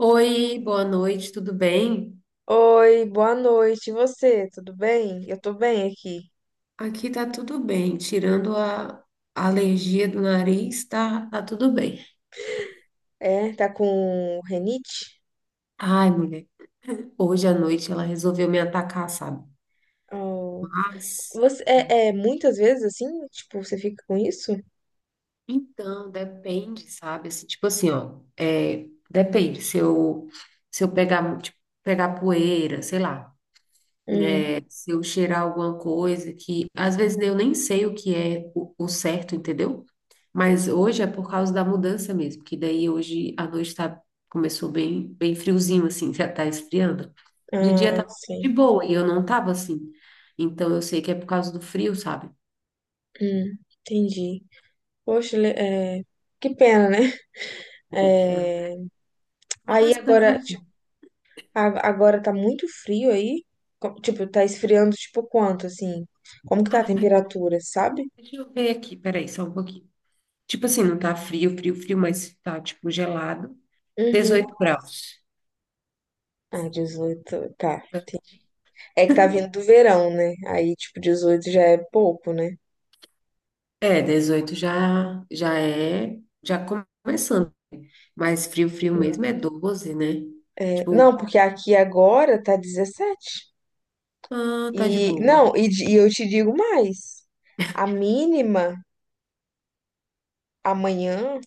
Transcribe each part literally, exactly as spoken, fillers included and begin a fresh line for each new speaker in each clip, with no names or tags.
Oi, boa noite, tudo bem?
Oi, boa noite. E você, tudo bem? Eu tô bem aqui.
Aqui tá tudo bem, tirando a, a alergia do nariz, tá, tá tudo bem.
É, tá com renite?
Ai, mulher, hoje à noite ela resolveu me atacar, sabe?
Oh.
Mas,
Você
é,
é, é muitas vezes assim? Tipo, você fica com isso?
então, depende, sabe? Assim, tipo assim, ó, é, depende, se eu, se eu pegar, tipo, pegar poeira, sei lá.
Hum,
É, se eu cheirar alguma coisa que às vezes eu nem sei o que é o, o certo, entendeu? Mas hoje é por causa da mudança mesmo, que daí hoje a noite tá, começou bem, bem friozinho, assim, já tá esfriando. De dia
ah,
tá de
sim.
boa e eu não tava assim. Então eu sei que é por causa do frio, sabe?
Hum, entendi. Poxa, le- é, que pena, né?
Não.
É, aí
Mas fazer
agora,
o quê?
tipo, a- agora tá muito frio aí. Co- Tipo, tá esfriando tipo quanto assim? Como que tá a
Ah,
temperatura, sabe?
deixa eu ver aqui, peraí, só um pouquinho. Tipo assim, não tá frio, frio, frio, mas tá tipo gelado.
Uhum.
Dezoito graus.
Ah, dezoito. Tá. É que tá vindo do verão, né? Aí, tipo, dezoito já é pouco, né?
É, dezoito já, já é, já começando. Mas frio, frio mesmo é doze, né?
É,
Tipo,
não, porque aqui agora tá dezessete.
ah, tá de
E,
boa.
não, e, de- e eu te digo mais. A mínima amanhã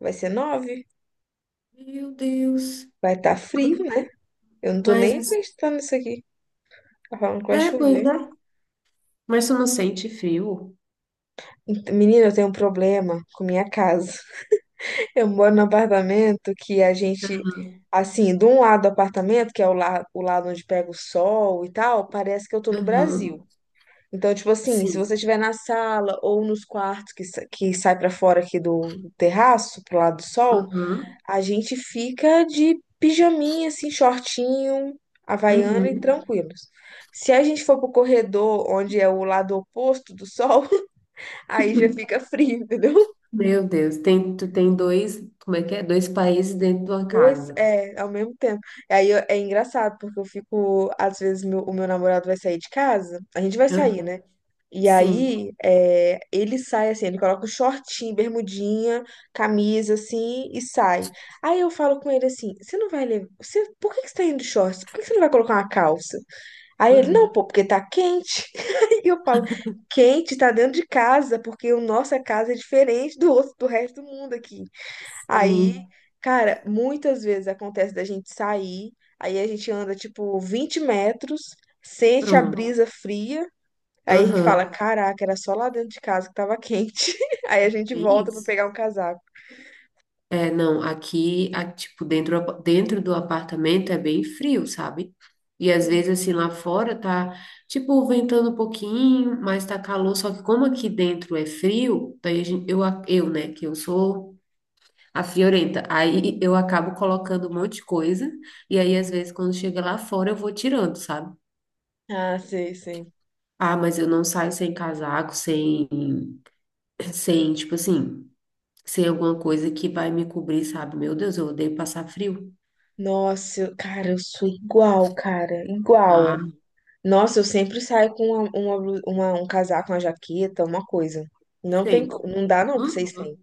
vai ser nove.
Meu Deus.
Vai estar frio, né? Eu não tô
Mas,
nem
assim-
acreditando nisso aqui. Tá falando que vai
é, pois
chover.
é. Mas tu não sente frio?
Ent- Menina, eu tenho um problema com minha casa. Eu moro num apartamento que a gente, assim, de um lado do apartamento, que é o, la o lado onde pega o sol e tal, parece que eu tô no
Aham,
Brasil. Então, tipo assim, se você
sim.
estiver na sala ou nos quartos que, sa- que sai pra fora aqui do terraço, pro lado do sol,
Aham,
a gente fica de pijaminha, assim, shortinho, havaiana e
uhum.
tranquilos. Se a gente for pro corredor, onde é o lado oposto do sol, aí já fica frio, entendeu?
Meu Deus, tem, tu tem dois, como é que é? Dois países dentro de uma
Dois,
casa.
é, ao mesmo tempo. Aí eu- é engraçado, porque eu fico, às vezes, meu- o meu namorado vai sair de casa, a gente vai
Aham,
sair, né? E
sim.
aí é, ele sai assim, ele coloca o shortinho, bermudinha, camisa assim e sai. Aí eu falo com ele assim: você não vai levar. Você, por que que você tá indo de shorts? Por que que você não vai colocar uma calça? Aí ele,
Aham,
não, pô, porque tá quente. E eu falo, quente, tá dentro de casa, porque o nossa casa é diferente do outro, do resto do mundo aqui. Aí,
sim.
cara, muitas vezes acontece da gente sair, aí a gente anda tipo vinte metros, sente a
Pronto.
brisa fria, aí a gente fala,
Aham.
caraca, era só lá dentro de casa que tava quente. Aí a
É
gente
bem
volta pra
isso.
pegar um casaco.
É, não, aqui, a- tipo, dentro, do apa- dentro do apartamento é bem frio, sabe? E às
Sim.
vezes, assim, lá fora tá, tipo, ventando um pouquinho, mas tá calor. Só que como aqui dentro é frio, daí a gente, eu, a- eu, né, que eu sou a friorenta, aí eu acabo colocando um monte de coisa. E aí, às vezes, quando chega lá fora, eu vou tirando, sabe?
Ah, sei, sei.
Ah, mas eu não saio sem casaco, sem, sem, tipo assim, sem alguma coisa que vai me cobrir, sabe? Meu Deus, eu odeio passar frio.
Nossa, eu- cara, eu sou igual, cara, igual.
Ah,
Nossa, eu sempre saio com uma, uma blu- uma- um casaco, uma jaqueta, uma coisa. Não tem, co-
sim.
não dá não pra
Hã?
vocês sem.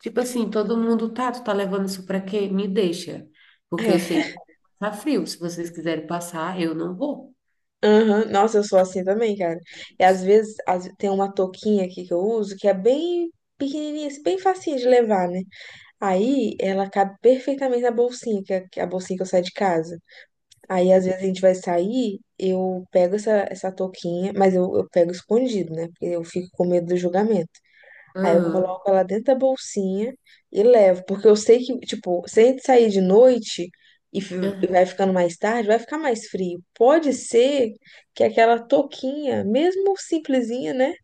Tipo assim, todo mundo tá, tu tá levando isso pra quê? Me deixa, porque eu
É.
sei que tá frio. Se vocês quiserem passar, eu não vou.
Aham, nossa, eu sou assim também, cara. E às vezes às- tem uma touquinha aqui que eu uso que é bem pequenininha, assim, bem facinha de levar, né? Aí ela cabe perfeitamente na bolsinha, que é que é a bolsinha que eu saio de casa. Aí
Sim.
às vezes a gente vai sair, eu pego essa, essa touquinha, mas eu, eu pego escondido, né? Porque eu fico com medo do julgamento. Aí eu
Aham.
coloco ela dentro da bolsinha e levo, porque eu sei que, tipo, se a gente sair de noite e fi- e
É,
vai ficando mais tarde, vai ficar mais frio. Pode ser que aquela touquinha, mesmo simplesinha, né,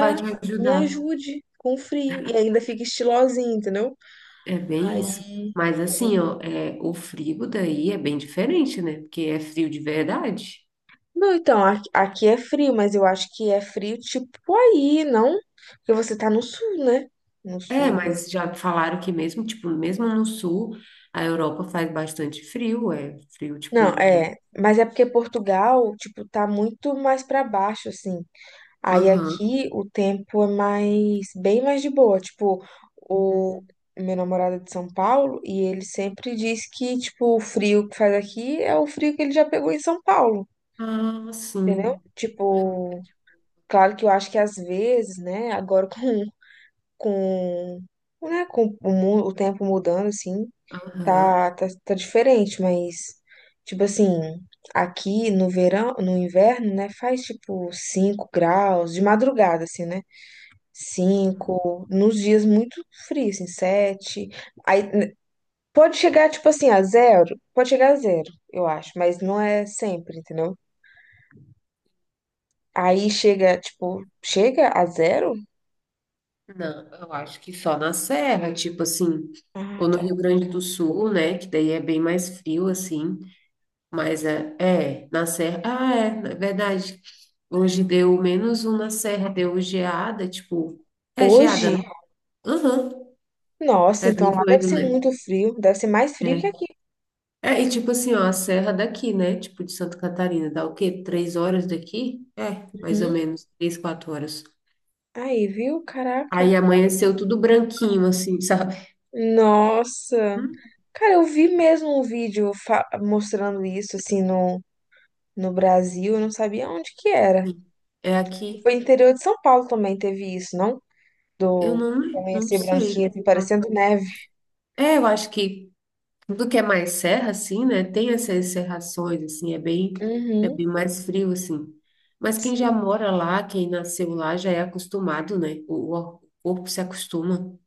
Vai te
me
ajudar.
ajude com o frio e ainda fica estilosinha, entendeu?
É bem isso.
Aí.
Mas assim, ó, é, o frio daí é bem diferente, né? Porque é frio de verdade.
Não, então, aqui, aqui é frio, mas eu acho que é frio tipo aí, não? Porque você tá no sul, né? No
É,
sul.
mas já falaram que mesmo, tipo, mesmo no sul, a Europa faz bastante frio, é frio,
Não,
tipo.
é, mas é porque Portugal, tipo, tá muito mais pra baixo, assim. Aí
Aham.
aqui o tempo é mais, bem mais de boa. Tipo, o meu namorado é de São Paulo e ele sempre diz que, tipo, o frio que faz aqui é o frio que ele já pegou em São Paulo,
Ah,
entendeu?
sim.
Tipo, claro que eu acho que às vezes, né, agora com, com, né, com o, mu- o tempo mudando, assim, Tá,
Aham.
tá, tá diferente, mas, tipo assim, aqui no verão, no inverno, né, faz tipo cinco graus, de madrugada, assim, né?
Aham.
Cinco nos dias muito frios, assim, sete. Aí né, pode chegar, tipo assim, a zero, pode chegar a zero, eu acho, mas não é sempre, entendeu? Aí chega, tipo, chega a zero?
Não, eu acho que só na serra, tipo assim,
Ah,
ou no
tá.
Rio Grande do Sul, né? Que daí é bem mais frio, assim. Mas é, é na serra. Ah, é, na verdade. Hoje deu menos um na serra, deu geada, tipo. É
Hoje?
geada, né? Aham.
Nossa,
É bem
então lá deve
doido,
ser
né?
muito frio, deve ser mais frio que
É.
aqui.
É, e tipo assim, ó, a serra daqui, né? Tipo de Santa Catarina, dá o quê? Três horas daqui? É, mais ou
Hum,
menos, três, quatro horas.
aí, viu? Caraca.
Aí amanheceu tudo branquinho, assim, sabe?
Nossa.
Hum,
Cara, eu vi mesmo um vídeo fa- mostrando isso, assim, no, no Brasil. Eu não sabia onde que era.
sim. É aqui.
Foi interior de São Paulo também teve isso, não?
Eu
Do
não, não
amanhecer branquinho,
sei.
assim,
Ah.
parecendo neve.
É, eu acho que tudo que é mais serra, assim, né? Tem essas serrações, assim, é bem, é
Uhum.
bem mais frio, assim. Mas quem
Sim.
já mora lá, quem nasceu lá, já é acostumado, né? O, o corpo se acostuma.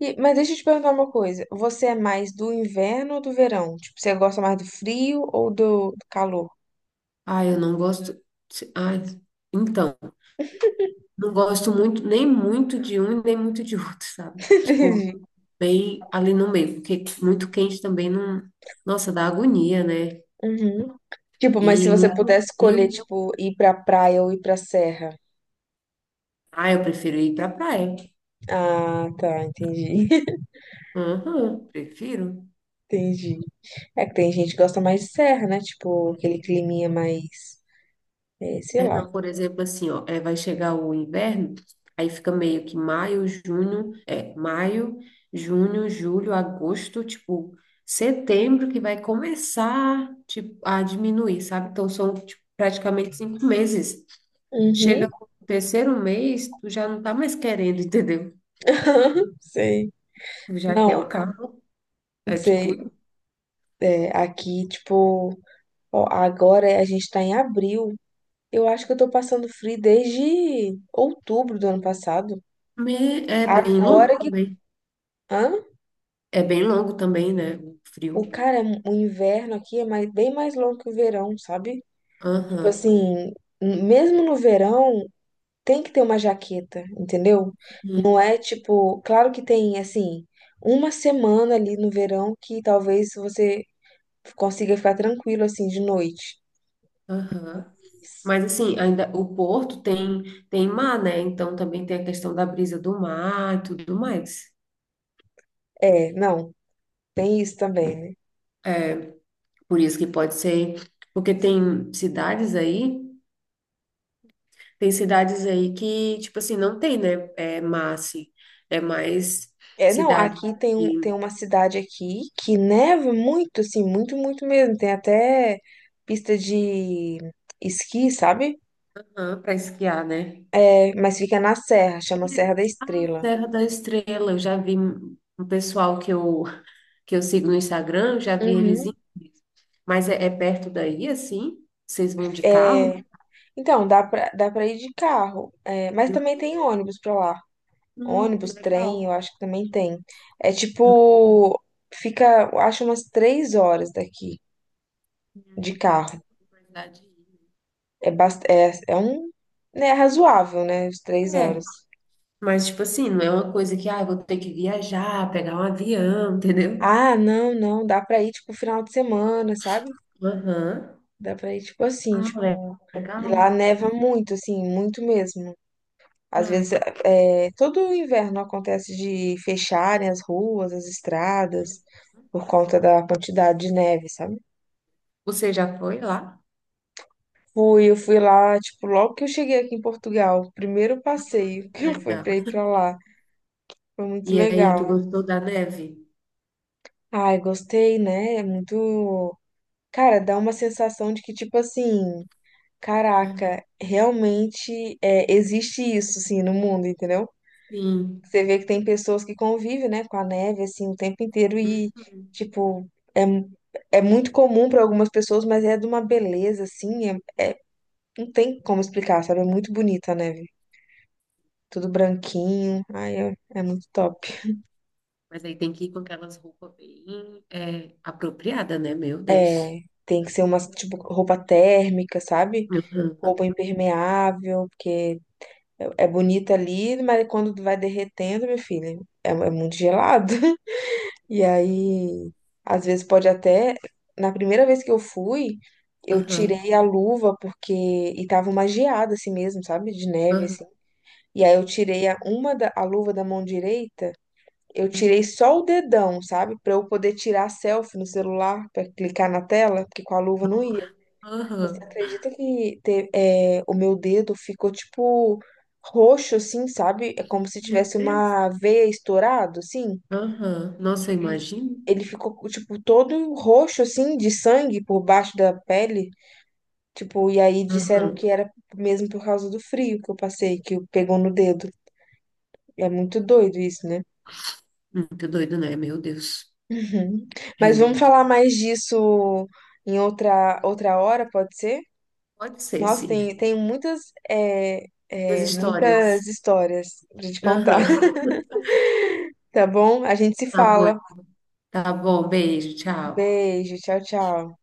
E- mas deixa eu te perguntar uma coisa. Você é mais do inverno ou do verão? Tipo, você gosta mais do frio ou do, do calor?
Ah, eu não gosto. Ah, então, não gosto muito, nem muito de um, e nem muito de outro, sabe? Tipo,
Entendi.
bem ali no meio, porque muito quente também não. Nossa, dá agonia, né?
Uhum. Tipo, mas se
E
você
muito
pudesse
frio.
escolher, tipo, ir pra praia ou ir pra serra.
Ah, eu prefiro ir para praia.
Ah, tá, entendi.
Aham, prefiro.
Entendi. É que tem gente que gosta mais de serra, né? Tipo, aquele climinha mais, é, sei
É,
lá.
não, por exemplo, assim, ó, é, vai chegar o inverno, aí fica meio que maio, junho, é, maio, junho, julho, agosto, tipo, setembro que vai começar, tipo, a diminuir, sabe? Então são, tipo, praticamente cinco meses. Chega
Uhum.
no terceiro mês, tu já não tá mais querendo, entendeu?
Sei.
Tu já quer
Não,
o carro, é tipo,
sei. É, aqui, tipo, ó, agora a gente tá em abril. Eu acho que eu tô passando frio desde outubro do ano passado.
me- é bem longo
Agora que.
também.
Hã?
É bem longo também, né? O frio.
O cara, o inverno aqui é mais, bem mais longo que o verão, sabe? Tipo
Aham.
assim, mesmo no verão, tem que ter uma jaqueta, entendeu? Não
Hum,
é tipo, claro que tem assim, uma semana ali no verão que talvez você consiga ficar tranquilo assim de noite.
aham. Mas assim, ainda o Porto tem tem mar, né? Então também tem a questão da brisa do mar e tudo mais.
É, não, tem isso também, né?
Por isso que pode ser, porque tem cidades aí, tem cidades aí que, tipo assim, não tem, né? É mar, assim. É mais
É, não,
cidade
aqui tem um, tem uma cidade aqui que neva muito, assim, muito, muito mesmo. Tem até pista de esqui, sabe?
para esquiar, né?
É, mas fica na serra, chama Serra da Estrela.
Serra da Estrela, eu já vi um pessoal que eu que eu sigo no Instagram, eu já vi eles, indo.
Uhum.
Mas é, é perto daí, assim? Vocês vão de carro?
É, então, dá pra, dá pra ir de carro, é, mas também tem ônibus pra lá.
Hum,
Ônibus, trem, eu
legal.
acho que também tem. É tipo, fica, eu acho umas três horas daqui de carro.
Verdade.
É, bast é, é um, né, razoável, né, as três horas.
É, mas tipo assim, não é uma coisa que, ah, eu vou ter que viajar, pegar um avião, entendeu?
Ah, não, não, dá pra ir, tipo, final de semana, sabe?
Aham.
Dá pra ir, tipo, assim,
Ah, le-
tipo, e
legal.
lá neva muito, assim, muito mesmo. Às vezes,
Ai.
é, todo inverno acontece de fecharem as ruas, as estradas, por conta da quantidade de neve, sabe?
Você já foi lá?
Fui, eu fui lá, tipo, logo que eu cheguei aqui em Portugal, o primeiro passeio que eu fui
Legal.
pra ir pra lá. Foi muito
E aí, tu
legal.
gostou da neve?
Ai, gostei, né? É muito. Cara, dá uma sensação de que, tipo assim,
Aham.
caraca, realmente é, existe isso, assim, no mundo, entendeu?
Sim.
Você vê que tem pessoas que convivem, né, com a neve, assim, o tempo inteiro e,
Uhum.
tipo, é, é muito comum para algumas pessoas, mas é de uma beleza, assim, é, é- não tem como explicar, sabe? É muito bonita a neve. Tudo branquinho, ai, é, é muito top.
Mas aí tem que ir com aquelas roupas bem é, apropriadas, né? Meu Deus.
É, tem que ser umas, tipo, roupa térmica, sabe?
Aham.
Roupa impermeável, porque é, é bonita ali, mas quando vai derretendo, meu filho, é, é muito gelado. E
Imagina.
aí, às vezes pode até. Na primeira vez que eu fui, eu
Aham.
tirei a luva porque. E tava uma geada assim mesmo, sabe? De neve,
Aham.
assim. E aí eu tirei a, uma da, a luva da mão direita, eu tirei
Uhum.
só o dedão, sabe? Pra eu poder tirar selfie no celular, pra clicar na tela, porque com a luva não
No-
ia. Você
Aham.
acredita que te, é, o meu dedo ficou tipo roxo, assim, sabe? É como se
Meu
tivesse
Deus.
uma veia estourado, assim
Aham. Nossa, eu imagino.
ele ficou, tipo, todo roxo, assim, de sangue por baixo da pele. Tipo, e aí disseram
Aham.
que era mesmo por causa do frio que eu passei, que pegou no dedo. É muito doido isso, né?
Muito doido, né? Meu Deus.
Uhum.
Eu
Mas vamos
imagino.
falar mais disso em outra, outra hora, pode ser?
Pode ser,
Nossa,
sim.
tem, tem muitas, é,
Das
é, muitas
histórias.
histórias pra te contar.
Aham.
Tá bom? A gente se
Tá bom.
fala.
Tá bom. Beijo. Tchau.
Beijo, tchau, tchau.